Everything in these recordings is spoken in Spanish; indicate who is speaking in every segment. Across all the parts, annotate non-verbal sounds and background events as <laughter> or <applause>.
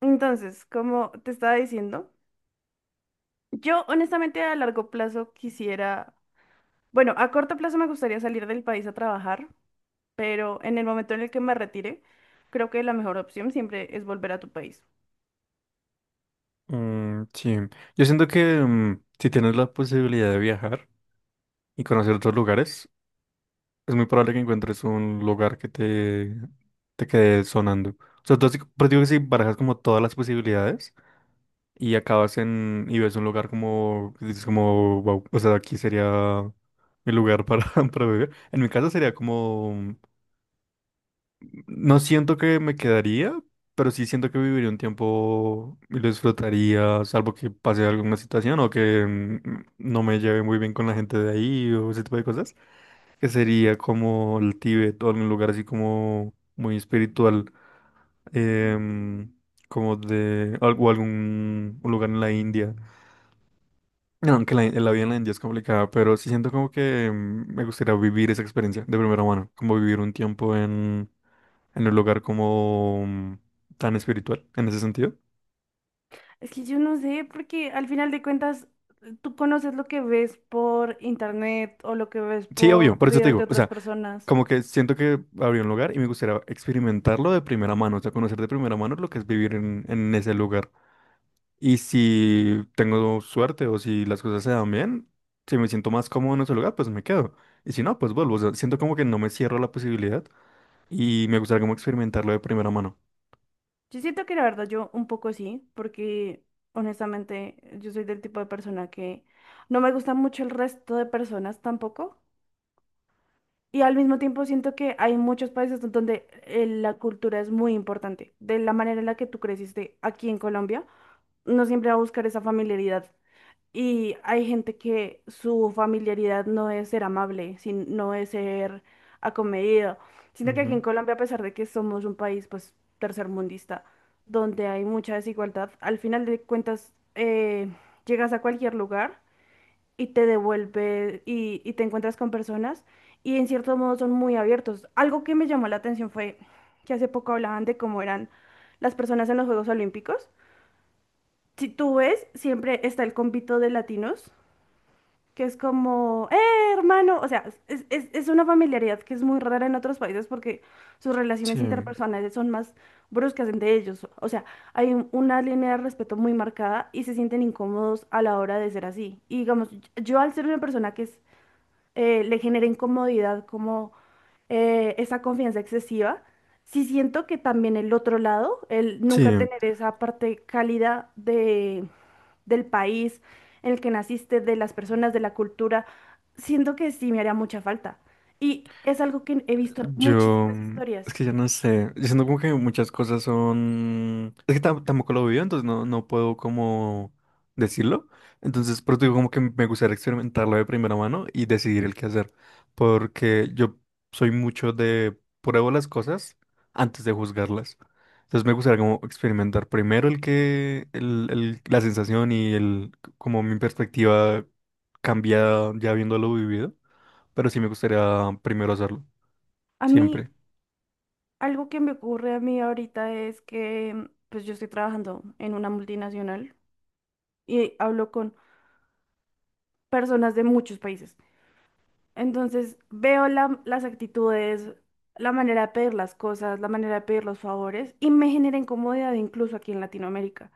Speaker 1: Entonces, como te estaba diciendo, yo honestamente a largo plazo quisiera, bueno, a corto plazo me gustaría salir del país a trabajar, pero en el momento en el que me retire, creo que la mejor opción siempre es volver a tu país.
Speaker 2: Mm, sí, yo siento que si tienes la posibilidad de viajar y conocer otros lugares, es muy probable que encuentres un lugar que te quede sonando. O sea, pero digo que si barajas como todas las posibilidades y acabas en y ves un lugar como, que dices como, wow, o sea, aquí sería mi lugar para, <laughs> para vivir. En mi caso sería como. No siento que me quedaría, pero sí siento que viviría un tiempo y lo disfrutaría, salvo que pase alguna situación o que no me lleve muy bien con la gente de ahí o ese tipo de cosas, que sería como el Tíbet o algún lugar así como muy espiritual, em, como de algún un lugar en la India. No, aunque la vida en la India es complicada, pero sí siento como que me gustaría vivir esa experiencia de primera mano, como vivir un tiempo en un lugar como tan espiritual en ese sentido.
Speaker 1: Es que yo no sé, porque al final de cuentas tú conoces lo que ves por internet o lo que ves
Speaker 2: Sí,
Speaker 1: por
Speaker 2: obvio, por eso te
Speaker 1: videos de
Speaker 2: digo, o
Speaker 1: otras
Speaker 2: sea,
Speaker 1: personas.
Speaker 2: como que siento que habría un lugar y me gustaría experimentarlo de primera mano, o sea, conocer de primera mano lo que es vivir en ese lugar. Y si tengo suerte o si las cosas se dan bien, si me siento más cómodo en ese lugar, pues me quedo. Y si no, pues vuelvo, o sea, siento como que no me cierro a la posibilidad y me gustaría como experimentarlo de primera mano.
Speaker 1: Yo siento que la verdad yo un poco sí, porque honestamente yo soy del tipo de persona que no me gusta mucho el resto de personas tampoco. Y al mismo tiempo siento que hay muchos países donde la cultura es muy importante. De la manera en la que tú creciste aquí en Colombia, no siempre va a buscar esa familiaridad y hay gente que su familiaridad no es ser amable, no es ser acomedido. Siento que aquí
Speaker 2: Ujú.
Speaker 1: en Colombia, a pesar de que somos un país pues tercermundista, donde hay mucha desigualdad, al final de cuentas, llegas a cualquier lugar y te devuelve y te encuentras con personas y en cierto modo son muy abiertos. Algo que me llamó la atención fue que hace poco hablaban de cómo eran las personas en los Juegos Olímpicos. Si tú ves, siempre está el convito de latinos que es como, hermano, o sea, es una familiaridad que es muy rara en otros países porque sus
Speaker 2: Sí,
Speaker 1: relaciones interpersonales son más bruscas entre ellos. O sea, hay una línea de respeto muy marcada y se sienten incómodos a la hora de ser así. Y digamos, yo al ser una persona que es, le genera incomodidad como esa confianza excesiva, sí siento que también el otro lado, el nunca
Speaker 2: sí.
Speaker 1: tener esa parte cálida del país en el que naciste, de las personas, de la cultura, siento que sí me haría mucha falta. Y es algo que he visto
Speaker 2: Yo,
Speaker 1: muchísimas
Speaker 2: es
Speaker 1: historias.
Speaker 2: que ya no sé, yo siento como que muchas cosas es que tampoco lo vivo, entonces no puedo como decirlo, entonces por eso digo como que me gustaría experimentarlo de primera mano y decidir el qué hacer, porque yo soy mucho de pruebo las cosas antes de juzgarlas, entonces me gustaría como experimentar primero el que, el- la sensación y como mi perspectiva cambia ya habiéndolo vivido, pero sí me gustaría primero hacerlo,
Speaker 1: A mí,
Speaker 2: siempre.
Speaker 1: algo que me ocurre a mí ahorita es que, pues yo estoy trabajando en una multinacional y hablo con personas de muchos países. Entonces, veo las actitudes, la manera de pedir las cosas, la manera de pedir los favores y me genera incomodidad incluso aquí en Latinoamérica.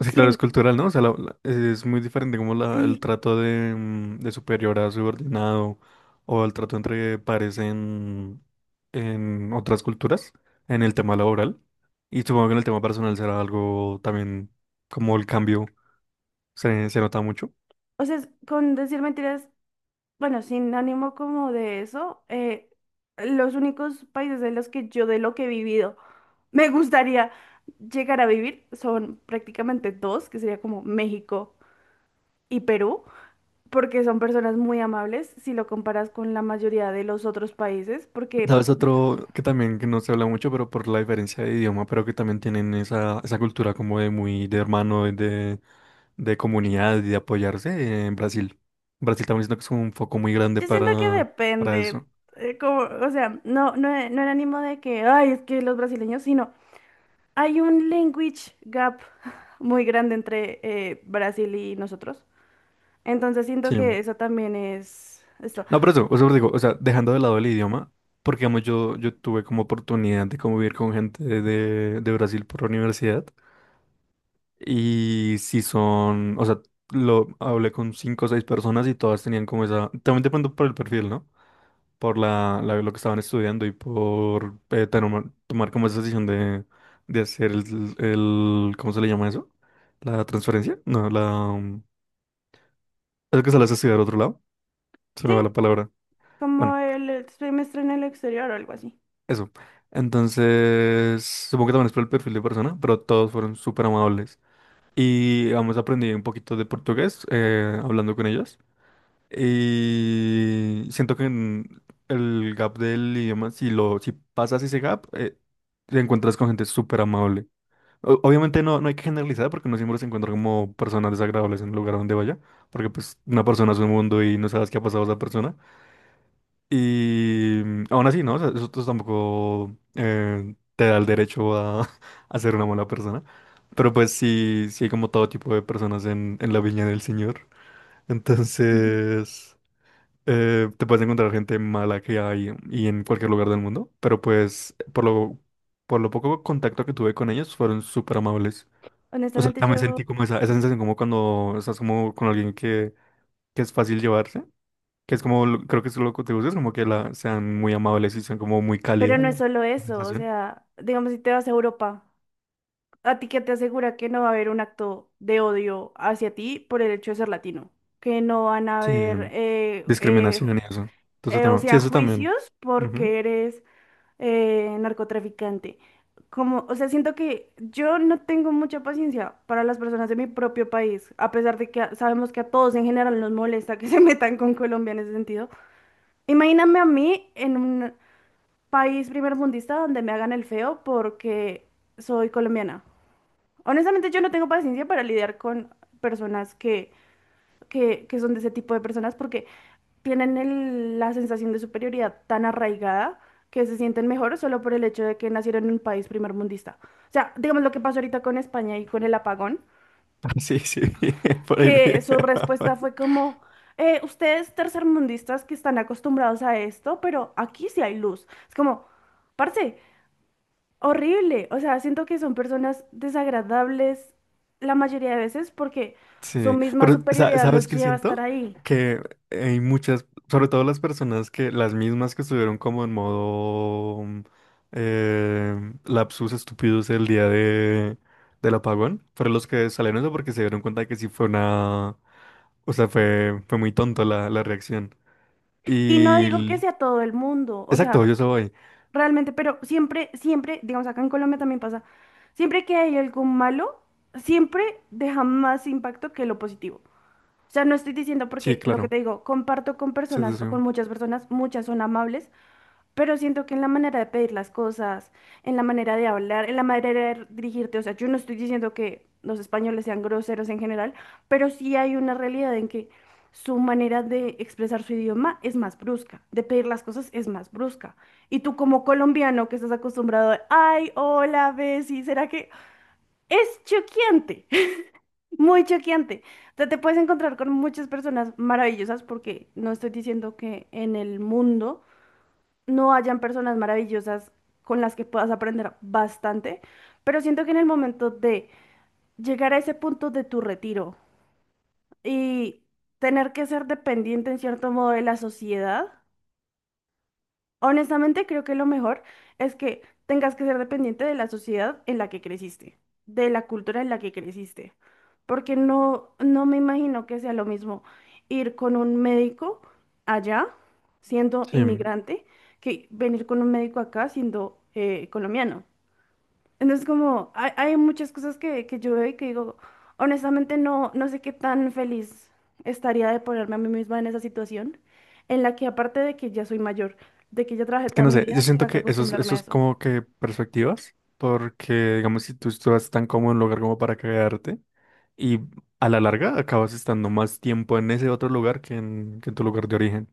Speaker 2: Sí, claro,
Speaker 1: Sin,
Speaker 2: es cultural, ¿no? O sea, es muy diferente como el
Speaker 1: sí,
Speaker 2: trato de, de superior a subordinado o el trato entre pares en otras culturas, en el tema laboral. Y supongo que en el tema personal será algo también como el cambio se nota mucho.
Speaker 1: o sea, es- con decir mentiras. Bueno, sin ánimo como de eso, los únicos países en los que yo de lo que he vivido <laughs> me gustaría llegar a vivir son prácticamente dos, que sería como México y Perú, porque son personas muy amables si lo comparas con la mayoría de los otros países. Porque
Speaker 2: ¿Sabes otro que también que no se habla mucho, pero por la diferencia de idioma, pero que también tienen esa cultura como de muy de hermano, de comunidad y de apoyarse en Brasil? Brasil también siento que es un foco muy grande
Speaker 1: yo siento que
Speaker 2: para
Speaker 1: depende,
Speaker 2: eso.
Speaker 1: como, o sea, no era ánimo de que, ay, es que los brasileños, sino hay un language gap muy grande entre Brasil y nosotros. Entonces siento que
Speaker 2: Sí.
Speaker 1: eso también es esto.
Speaker 2: No, pero eso, o sea, os digo, o sea, dejando de lado el idioma, porque digamos, yo tuve como oportunidad de convivir con gente de Brasil por la universidad y si son, o sea, lo hablé con cinco o seis personas y todas tenían como esa, también depende por el perfil, ¿no? por lo que estaban estudiando y por tener tomar como esa decisión de hacer ¿cómo se le llama eso? La transferencia, no, la... Es que se las estudiar a otro lado, se me va
Speaker 1: Sí,
Speaker 2: la palabra.
Speaker 1: como
Speaker 2: Bueno,
Speaker 1: el semestre en el exterior o algo así.
Speaker 2: eso. Entonces, supongo que también es por el perfil de persona, pero todos fueron súper amables. Y vamos aprendí un poquito de portugués hablando con ellos. Y siento que en el gap del idioma, si pasas ese gap, te encuentras con gente súper amable. Obviamente no hay que generalizar porque no siempre se encuentra como personas desagradables en el lugar donde vaya, porque pues una persona es un mundo y no sabes qué ha pasado a esa persona. Y aún así, ¿no? O sea, tampoco te da el derecho a, <laughs> a ser una mala persona. Pero pues sí, sí hay como todo tipo de personas en la viña del Señor.
Speaker 1: Ujú.
Speaker 2: Entonces te puedes encontrar gente mala que hay y en cualquier lugar del mundo, pero por lo poco contacto que tuve con ellos fueron súper amables. O sea,
Speaker 1: Honestamente
Speaker 2: también
Speaker 1: yo,
Speaker 2: sentí como esa sensación como cuando estás como con alguien que es fácil llevarse, que es como, creo que es lo que te gusta, es como que sean muy amables y sean como muy
Speaker 1: pero
Speaker 2: cálida
Speaker 1: no es solo
Speaker 2: la
Speaker 1: eso, o
Speaker 2: sensación.
Speaker 1: sea, digamos si te vas a Europa, ¿a ti qué te asegura que no va a haber un acto de odio hacia ti por el hecho de ser latino? Que no van a
Speaker 2: Sí,
Speaker 1: haber,
Speaker 2: discriminación y eso. Entonces,
Speaker 1: o
Speaker 2: tema. Sí,
Speaker 1: sea,
Speaker 2: eso también.
Speaker 1: juicios
Speaker 2: Ujú.
Speaker 1: porque eres narcotraficante. Como, o sea, siento que yo no tengo mucha paciencia para las personas de mi propio país, a pesar de que sabemos que a todos en general nos molesta que <laughs> se metan con Colombia en ese sentido. Imagíname a mí en un país primermundista donde me hagan el feo porque soy colombiana. Honestamente, yo no tengo paciencia para lidiar con personas que, que son de ese tipo de personas porque tienen la sensación de superioridad tan arraigada que se sienten mejor solo por el hecho de que nacieron en un país primermundista. O sea, digamos lo que pasó ahorita con España y con el apagón,
Speaker 2: <laughs> Sí, sí, <laughs> por ahí vi.
Speaker 1: que su respuesta
Speaker 2: <laughs>
Speaker 1: fue como, ustedes tercermundistas que están acostumbrados a esto, pero aquí sí hay luz. Es como, parce, horrible. O sea, siento que son personas desagradables la mayoría de veces porque su
Speaker 2: Sí,
Speaker 1: misma
Speaker 2: pero
Speaker 1: superioridad
Speaker 2: ¿sabes
Speaker 1: los
Speaker 2: qué
Speaker 1: lleva a estar
Speaker 2: siento?
Speaker 1: ahí.
Speaker 2: Que hay muchas, sobre todo las personas que, las mismas que estuvieron como en modo lapsus estúpidos el día de, del apagón, fueron los que salieron eso porque se dieron cuenta de que sí fue una, o sea, fue muy tonto la reacción.
Speaker 1: Y no
Speaker 2: Y,
Speaker 1: digo que
Speaker 2: l-
Speaker 1: sea todo el mundo, o sea,
Speaker 2: exacto, yo soy.
Speaker 1: realmente. Pero siempre, siempre, digamos, acá en Colombia también pasa, siempre que hay algo malo, siempre deja más impacto que lo positivo. O sea, no estoy diciendo,
Speaker 2: Sí,
Speaker 1: porque lo que
Speaker 2: claro.
Speaker 1: te digo, comparto con
Speaker 2: Sí,
Speaker 1: personas
Speaker 2: sí,
Speaker 1: o con
Speaker 2: sí.
Speaker 1: muchas personas, muchas son amables, pero siento que en la manera de pedir las cosas, en la manera de hablar, en la manera de dirigirte, o sea, yo no estoy diciendo que los españoles sean groseros en general, pero sí hay una realidad en que su manera de expresar su idioma es más brusca, de pedir las cosas es más brusca. Y tú como colombiano que estás acostumbrado a, ay, hola, Bessie, ¿será que es choqueante? <laughs> Muy choqueante. O sea, te puedes encontrar con muchas personas maravillosas, porque no estoy diciendo que en el mundo no hayan personas maravillosas con las que puedas aprender bastante, pero siento que en el momento de llegar a ese punto de tu retiro y tener que ser dependiente en cierto modo de la sociedad, honestamente, creo que lo mejor es que tengas que ser dependiente de la sociedad en la que creciste, de la cultura en la que creciste, porque no me imagino que sea lo mismo ir con un médico allá, siendo
Speaker 2: Sí.
Speaker 1: inmigrante, que venir con un médico acá siendo colombiano. Entonces, como hay muchas cosas que yo veo y que digo, honestamente no sé qué tan feliz estaría de ponerme a mí misma en esa situación, en la que aparte de que ya soy mayor, de que ya trabajé
Speaker 2: Es que
Speaker 1: toda
Speaker 2: no
Speaker 1: mi
Speaker 2: sé,
Speaker 1: vida,
Speaker 2: yo siento
Speaker 1: tenga que
Speaker 2: que
Speaker 1: acostumbrarme
Speaker 2: eso
Speaker 1: a
Speaker 2: es
Speaker 1: eso.
Speaker 2: como que perspectivas, porque digamos, si tú estás tan cómodo en un lugar como para quedarte, y a la larga acabas estando más tiempo en ese otro lugar que en tu lugar de origen.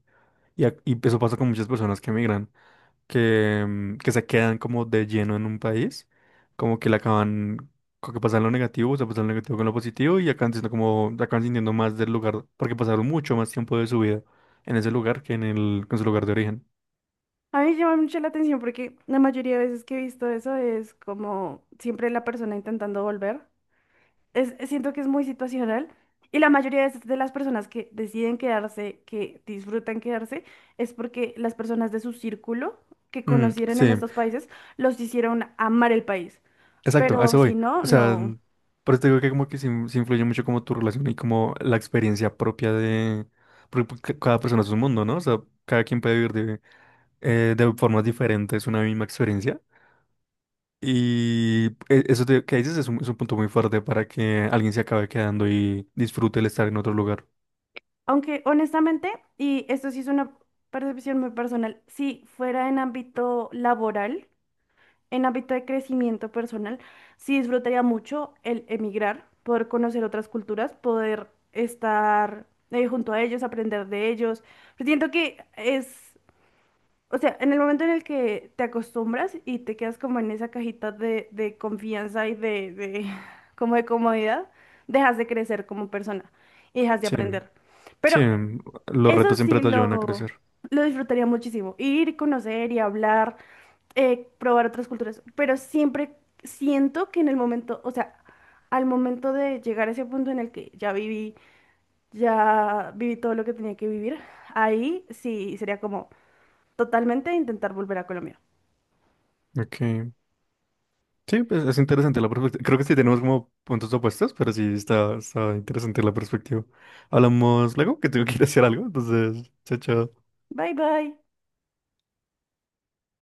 Speaker 2: Y eso pasa con muchas personas que emigran, que se quedan como de lleno en un país, como que le acaban, como que pasan lo negativo, o sea, pasan lo negativo con lo positivo, y acaban siendo como, acaban sintiendo más del lugar, porque pasaron mucho más tiempo de su vida en ese lugar que en que en su lugar de origen.
Speaker 1: A mí me llama mucho la atención porque la mayoría de veces que he visto eso es como siempre la persona intentando volver. Es- siento que es muy situacional y la mayoría de las personas que deciden quedarse, que disfrutan quedarse, es porque las personas de su círculo que
Speaker 2: Mm,
Speaker 1: conocieron en
Speaker 2: sí.
Speaker 1: estos países los hicieron amar el país.
Speaker 2: Exacto, a
Speaker 1: Pero
Speaker 2: eso
Speaker 1: si
Speaker 2: voy.
Speaker 1: no,
Speaker 2: O sea,
Speaker 1: no.
Speaker 2: por eso te digo que como que sí, sí influye mucho como tu relación y como la experiencia propia de... Porque pues, cada persona es un mundo, ¿no? O sea, cada quien puede vivir de formas diferentes una misma experiencia. Que dices es un punto muy fuerte para que alguien se acabe quedando y disfrute el estar en otro lugar.
Speaker 1: Aunque honestamente, y esto sí es una percepción muy personal, si fuera en ámbito laboral, en ámbito de crecimiento personal, sí disfrutaría mucho el emigrar, poder conocer otras culturas, poder estar, junto a ellos, aprender de ellos. Pero siento que es, o sea, en el momento en el que te acostumbras y te quedas como en esa cajita de confianza y de, <laughs> como de comodidad, dejas de crecer como persona y dejas de
Speaker 2: Sí,
Speaker 1: aprender. Pero
Speaker 2: sí, los
Speaker 1: eso
Speaker 2: retos siempre
Speaker 1: sí
Speaker 2: te ayudan a crecer.
Speaker 1: lo disfrutaría muchísimo. Ir, conocer y hablar, probar otras culturas. Pero siempre siento que en el momento, o sea, al momento de llegar a ese punto en el que ya viví todo lo que tenía que vivir, ahí sí sería como totalmente intentar volver a Colombia.
Speaker 2: Ok. Sí, pues, es interesante la perspectiva. Creo que sí tenemos como puntos opuestos, pero sí está, está interesante la perspectiva. Hablamos luego, que tengo que ir a hacer algo, entonces, chao, chao.
Speaker 1: Bye bye.